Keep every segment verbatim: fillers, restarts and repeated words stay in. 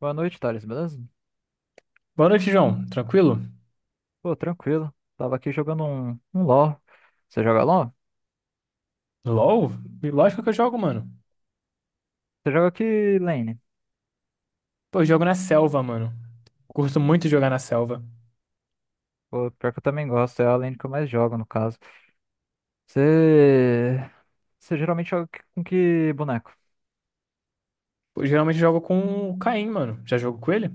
Boa noite, Thales, beleza? Boa noite, João. Tranquilo? Pô, tranquilo. Tava aqui jogando um, um LoL. Você joga LoL? LOL? Lógico que eu jogo, mano. Você joga que lane? Pô, eu jogo na selva, mano. Curto muito jogar na selva. Pô, pior que eu também gosto, é a lane que eu mais jogo, no caso. Você... Você geralmente joga que- com que boneco? Pô, geralmente eu jogo com o Caim, mano. Já jogo com ele?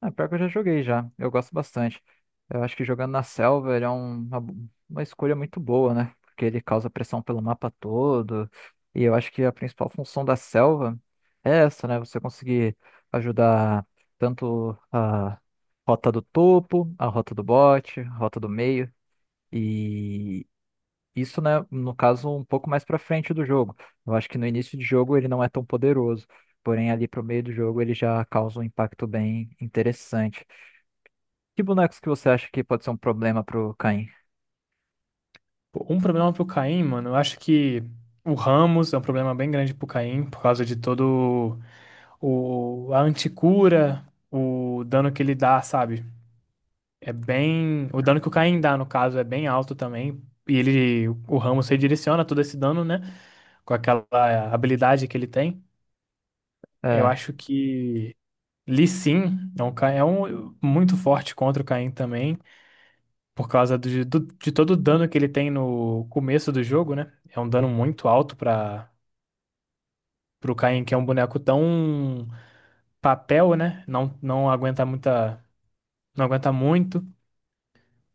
Ah, pior que eu já joguei já. Eu gosto bastante. Eu acho que jogando na selva ele é um- uma, uma escolha muito boa, né? Porque ele causa pressão pelo mapa todo. E eu acho que a principal função da selva é essa, né? Você conseguir ajudar tanto a rota do topo, a rota do bote, a rota do meio. E isso, né, no caso, um pouco mais pra frente do jogo. Eu acho que no início de jogo ele não é tão poderoso. Porém, ali pro meio do jogo ele já causa um impacto bem interessante. Que bonecos que você acha que pode ser um problema pro Caim? Pô, um problema pro Caim, mano. Eu acho que o Ramos é um problema bem grande pro Caim, por causa de todo o... a anticura, o dano que ele dá, sabe? É bem. O dano que o Caim dá, no caso, é bem alto também. E ele, o Ramos redireciona todo esse dano, né? Com aquela habilidade que ele tem. Eu É, acho que Lee Sin é um, ca- é um muito forte contra o Caim também, por causa do- do- de todo o dano que ele tem no começo do jogo, né? É um dano muito alto para o Caim, que é um boneco tão papel, né? Não, não aguenta muita, não aguenta muito.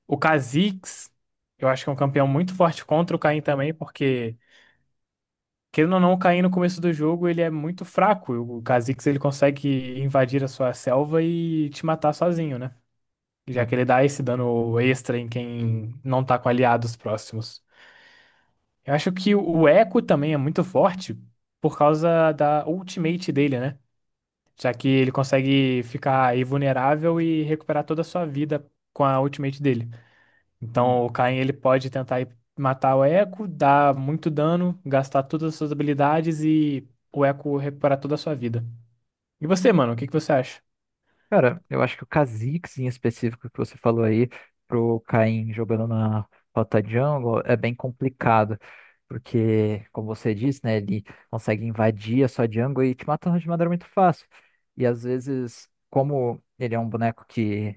O Kha'Zix, eu acho que é um campeão muito forte contra o Caim também, porque querendo ou não, o Caim no começo do jogo ele é muito fraco. O Kha'Zix ele consegue invadir a sua selva e te matar sozinho, né? Já né? que ele dá esse dano extra em quem não tá com aliados próximos. Eu acho que o Echo também é muito forte por causa da ultimate dele, né? Já que ele consegue ficar invulnerável e recuperar toda a sua vida com a ultimate dele. Hum. Então o Kayn ele pode tentar ir matar o Echo, dar muito dano, gastar todas as suas habilidades e o Echo recuperar toda a sua vida. E você, mano, o que que você acha? Cara, eu acho que o Kha'Zix em específico que você falou aí, pro Caim jogando na rota jungle, é bem complicado. Porque, como você disse, né, ele consegue invadir a sua jungle e te matando de maneira muito fácil. E às vezes, como ele é um boneco que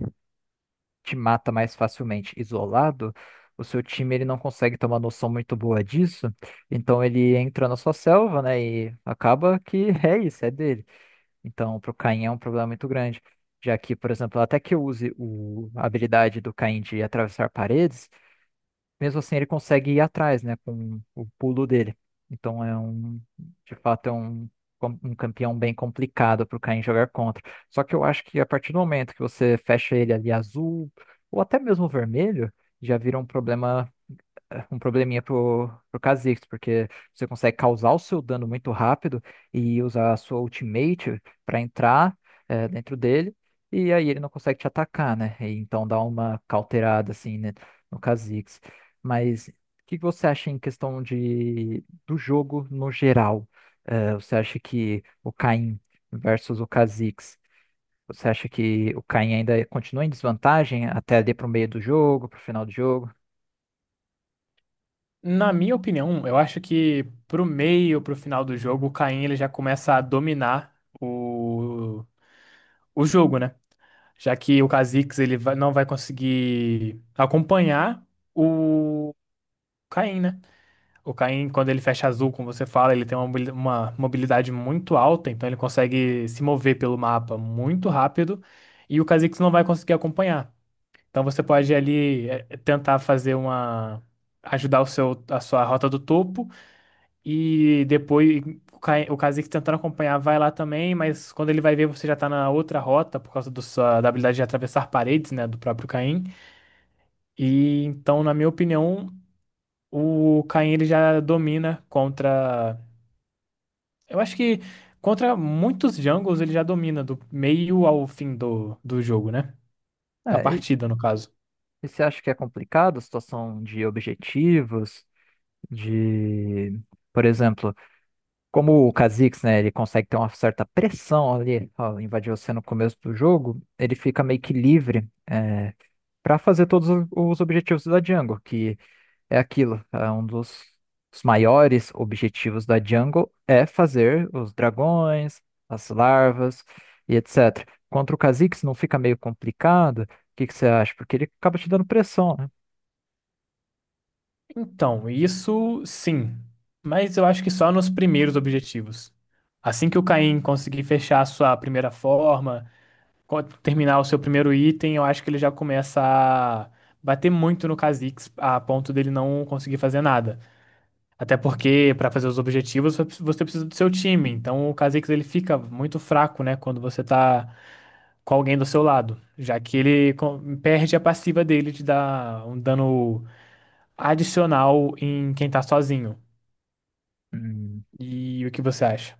te mata mais facilmente isolado, o seu time ele não consegue ter uma noção muito boa disso, então ele entra na sua selva, né, e acaba que é isso, é dele. Então, pro Caim é um problema muito grande, já que, por exemplo, até que eu use o, a habilidade do Caim de atravessar paredes, mesmo assim, ele consegue ir atrás, né, com o pulo dele. Então é um, de fato, é um, com- um campeão bem complicado para o Caim jogar contra. Só que eu acho que a partir do momento que você fecha ele ali azul, ou até mesmo vermelho, já vira um problema um probleminha pro, pro Kha'Zix, porque você consegue causar o seu dano muito rápido e usar a sua ultimate para entrar eh, dentro dele, e aí ele não consegue te atacar, né? E então dá uma cauterada assim, né, no Kha'Zix. Mas o que que você acha em questão de, do jogo no geral? Eh, você acha que o Caim versus o Kha'Zix, você acha que o Caim ainda continua em desvantagem até ali pro meio do jogo, pro final do jogo? Na minha opinião, eu acho que pro meio, pro final do jogo, o Caim ele já começa a dominar o, o jogo, né? Já que o Kha'Zix ele vai- não vai conseguir acompanhar o Caim, né? O Caim, quando ele fecha azul, como você fala, ele tem uma, mobili- uma mobilidade muito alta, então ele consegue se mover pelo mapa muito rápido e o Kha'Zix não vai conseguir acompanhar. Então você pode ali eh, tentar fazer uma ajudar o seu, a sua rota do topo e depois o Kai- o Kha'Zix tentando acompanhar vai lá também, mas quando ele vai ver você já tá na outra rota por causa do sua- da habilidade de atravessar paredes, né, do próprio Caim. E então, na minha opinião, o Caim ele já domina contra, eu acho que contra muitos Jungles ele já domina do meio ao fim do, do jogo, né? Da É. partida, no caso. E você acha que é complicado a situação de objetivos, de, por exemplo, como o Kha'Zix, né, ele consegue ter uma certa pressão ali, ó, invadiu você no começo do jogo, ele fica meio que livre é, para fazer todos o- os objetivos da jungle, que é aquilo, é um dos os maiores objetivos da jungle é fazer os dragões, as larvas e et cetera. Contra o Kha'Zix não fica meio complicado? O que que você acha? Porque ele acaba te dando pressão. Então, isso sim, mas eu acho que só nos primeiros objetivos. Assim que o Caim conseguir fechar a sua primeira forma co- terminar o seu primeiro item, eu acho que ele já começa a bater muito no Kha'Zix a ponto dele não conseguir fazer nada. Até porque para fazer os objetivos você precisa você precisa do seu time. Então o Kha'Zix ele fica muito fraco, né, quando você tá com alguém do seu lado, já que ele co- perde a passiva dele de dar um dano adicional em quem tá sozinho. Hum, E o que você acha?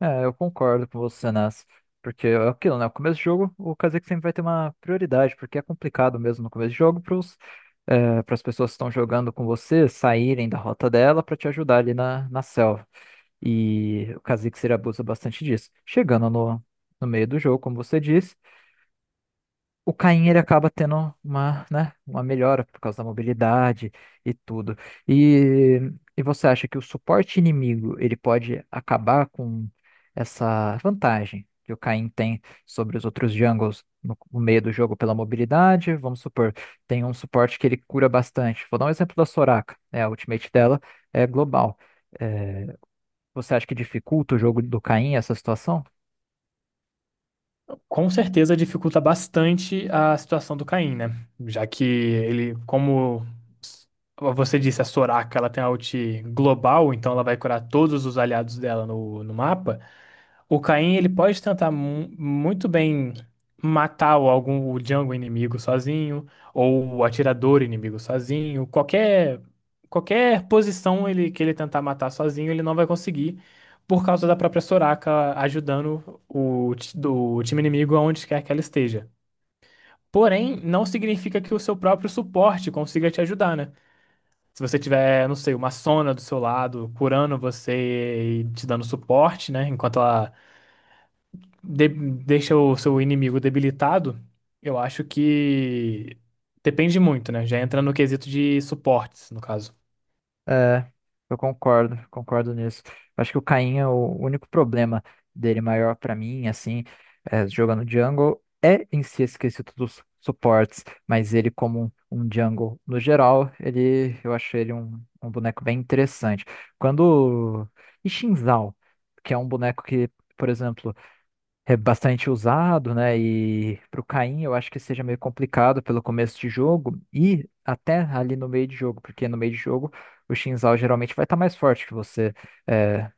É, eu concordo com você, Nas. Porque é aquilo, né? O começo do jogo, o Kha'Zix sempre vai ter uma prioridade, porque é complicado mesmo no começo do jogo para as pessoas que estão jogando com você saírem da rota dela para te ajudar ali na, na selva. E o Kha'Zix ele abusa bastante disso. Chegando no, no meio do jogo, como você disse. O Caim ele acaba tendo uma, né, uma melhora por causa da mobilidade e tudo. E, e você acha que o suporte inimigo ele pode acabar com essa vantagem que o Caim tem sobre os outros jungles no, no meio do jogo pela mobilidade? Vamos supor, tem um suporte que ele cura bastante. Vou dar um exemplo da Soraka, né, a ultimate dela é global. É, Você acha que dificulta o jogo do Caim essa situação? Com certeza dificulta bastante a situação do Caim, né? Já que ele, como s- você disse, a Soraka, ela tem a ult global, então ela vai curar todos os aliados dela no, no mapa. O Caim, ele pode tentar mu- muito bem matar o, algum, o jungle inimigo sozinho, ou o atirador inimigo sozinho, qualquer, qualquer posição ele, que ele tentar matar sozinho, ele não vai conseguir por causa da própria Soraka ajudando o, ti- do time inimigo aonde quer que ela esteja. Porém, não significa que o seu próprio suporte consiga te ajudar, né? Se você tiver, não sei, uma Sona do seu lado, curando você e te dando suporte, né? Enquanto ela de- deixa o seu inimigo debilitado, eu acho que depende muito, né? Já entra no quesito de suportes, no caso. É, eu concordo, concordo nisso. Acho que o Caim é o único problema dele maior pra mim, assim, é, jogando jungle, é em si esquecido dos suportes, mas ele como um, um jungle no geral, ele, eu achei ele um, um boneco bem interessante. Quando... E Xin Zhao, que é um boneco que, por exemplo, é bastante usado, né? E pro Caim eu acho que seja meio complicado pelo começo de jogo e até ali no meio de jogo, porque no meio de jogo o Xin Zhao geralmente vai estar mais forte que você, é,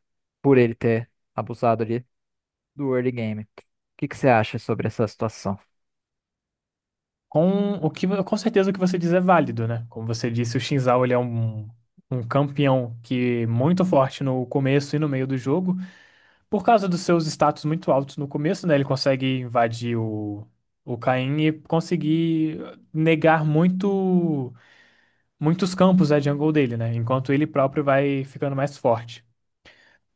por ele ter abusado ali do early game. O que que você acha sobre essa situação? Com o que, com certeza o que você diz é válido, né? Como você disse, o Xin Zhao ele é um, um campeão que é muito forte no começo e no meio do jogo. Por causa dos seus status muito altos no começo, né? Ele consegue invadir o, o Kayn e conseguir negar muito, muitos campos da jungle dele, né? Enquanto ele próprio vai ficando mais forte.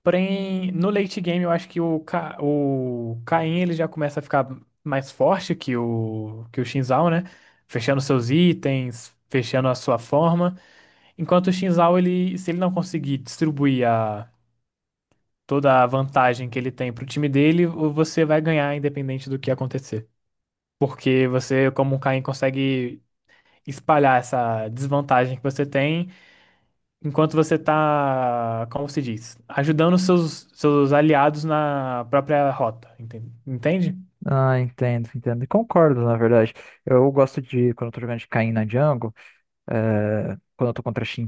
Porém, no late game eu acho que o, Ca... o Kayn ele já começa a ficar mais forte que o que o Xin Zhao, né? Fechando seus itens, fechando a sua forma. Enquanto o Xin Zhao, ele... se ele não conseguir distribuir a... toda a vantagem que ele tem pro time dele, o- você vai ganhar independente do que acontecer. Porque você, como o Kayn, consegue espalhar essa desvantagem que você tem enquanto você está, como se diz, ajudando seus, seus aliados na própria rota, enten- entende? Ah, entendo, entendo. E concordo, na verdade. Eu gosto de, quando eu tô jogando de Caim na jungle, É, quando eu tô contra xin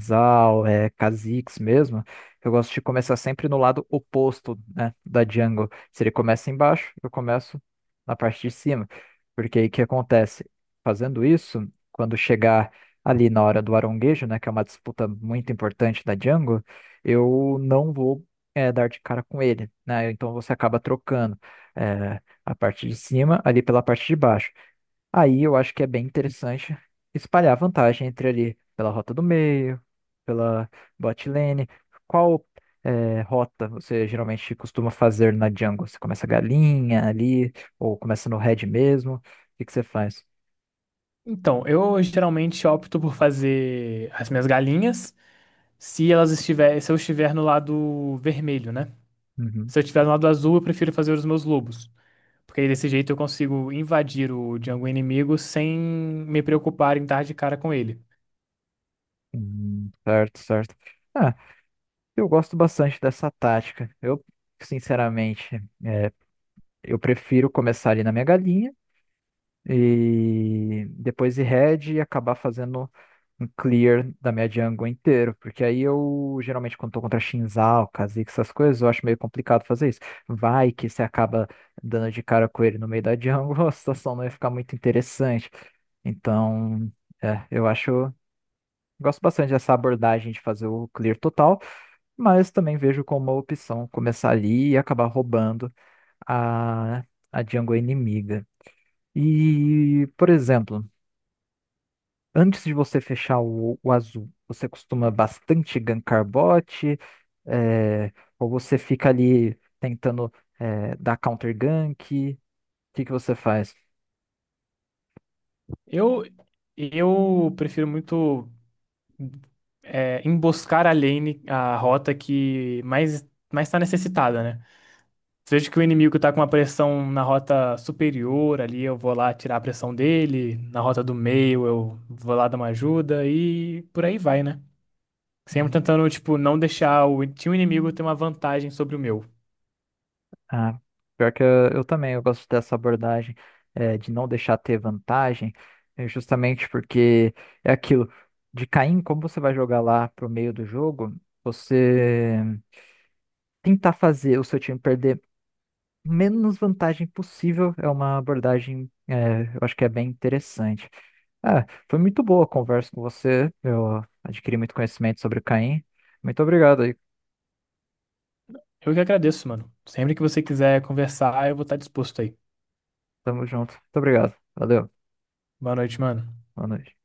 é, Kha'Zix mesmo, eu gosto de começar sempre no lado oposto, né, da jungle. Se ele começa embaixo, eu começo na parte de cima. Porque aí o que acontece? Fazendo isso, quando chegar ali na hora do aronguejo, né, que é uma disputa muito importante da jungle, eu não vou é, dar de cara com ele, né? Então você acaba trocando é, a parte de cima ali pela parte de baixo. Aí eu acho que é bem interessante espalhar vantagem entre ali pela rota do meio, pela bot lane. Qual eh, rota você geralmente costuma fazer na jungle? Você começa galinha ali, ou começa no red mesmo? O que que você faz? Então, eu geralmente opto por fazer as minhas galinhas se elas estiver, se eu estiver no lado vermelho, né? Uhum. Se eu estiver no lado azul, eu prefiro fazer os meus lobos. Porque aí desse jeito eu consigo invadir o jungle inimigo sem me preocupar em dar de cara com ele. Hum, certo, certo. Ah, eu gosto bastante dessa tática. Eu, sinceramente, eu prefiro começar ali na minha galinha e depois ir red e acabar fazendo um clear da minha jungle inteiro, porque aí eu geralmente quando tô contra Shinzal, Kha'Zix, essas coisas, eu acho meio complicado fazer isso. Vai que você acaba dando de cara com ele no meio da jungle, a situação não ia ficar muito interessante. Então, é, eu acho, gosto bastante dessa abordagem de fazer o clear total, mas também vejo como uma opção começar ali e acabar roubando a, a jungle inimiga. E, por exemplo, antes de você fechar o, o azul, você costuma bastante gankar bot, é, ou você fica ali tentando é, dar counter gank? O que que você faz? Eu, eu prefiro muito. É, emboscar a lane, a rota que mais mais está necessitada, né? Se eu vejo que o inimigo tá com uma pressão na rota superior ali, eu vou lá tirar a pressão dele, na rota do meio eu vou lá dar uma ajuda e por aí vai, né? Sempre tentando, tipo, não deixar o time inimigo ter uma vantagem sobre o meu. Ah, pior que eu, eu também, eu gosto dessa abordagem, eh, de não deixar ter vantagem, eh, justamente porque é aquilo, de Caim, como você vai jogar lá pro meio do jogo, você tentar fazer o seu time perder menos vantagem possível é uma abordagem, eh, eu acho que é bem interessante. Ah, foi muito boa a conversa com você, eu adquiri muito conhecimento sobre o Caim. Muito obrigado aí, Eu que agradeço, mano. Sempre que você quiser conversar, eu vou estar disposto aí. tamo junto. Muito obrigado, valeu, Boa noite, mano. boa noite.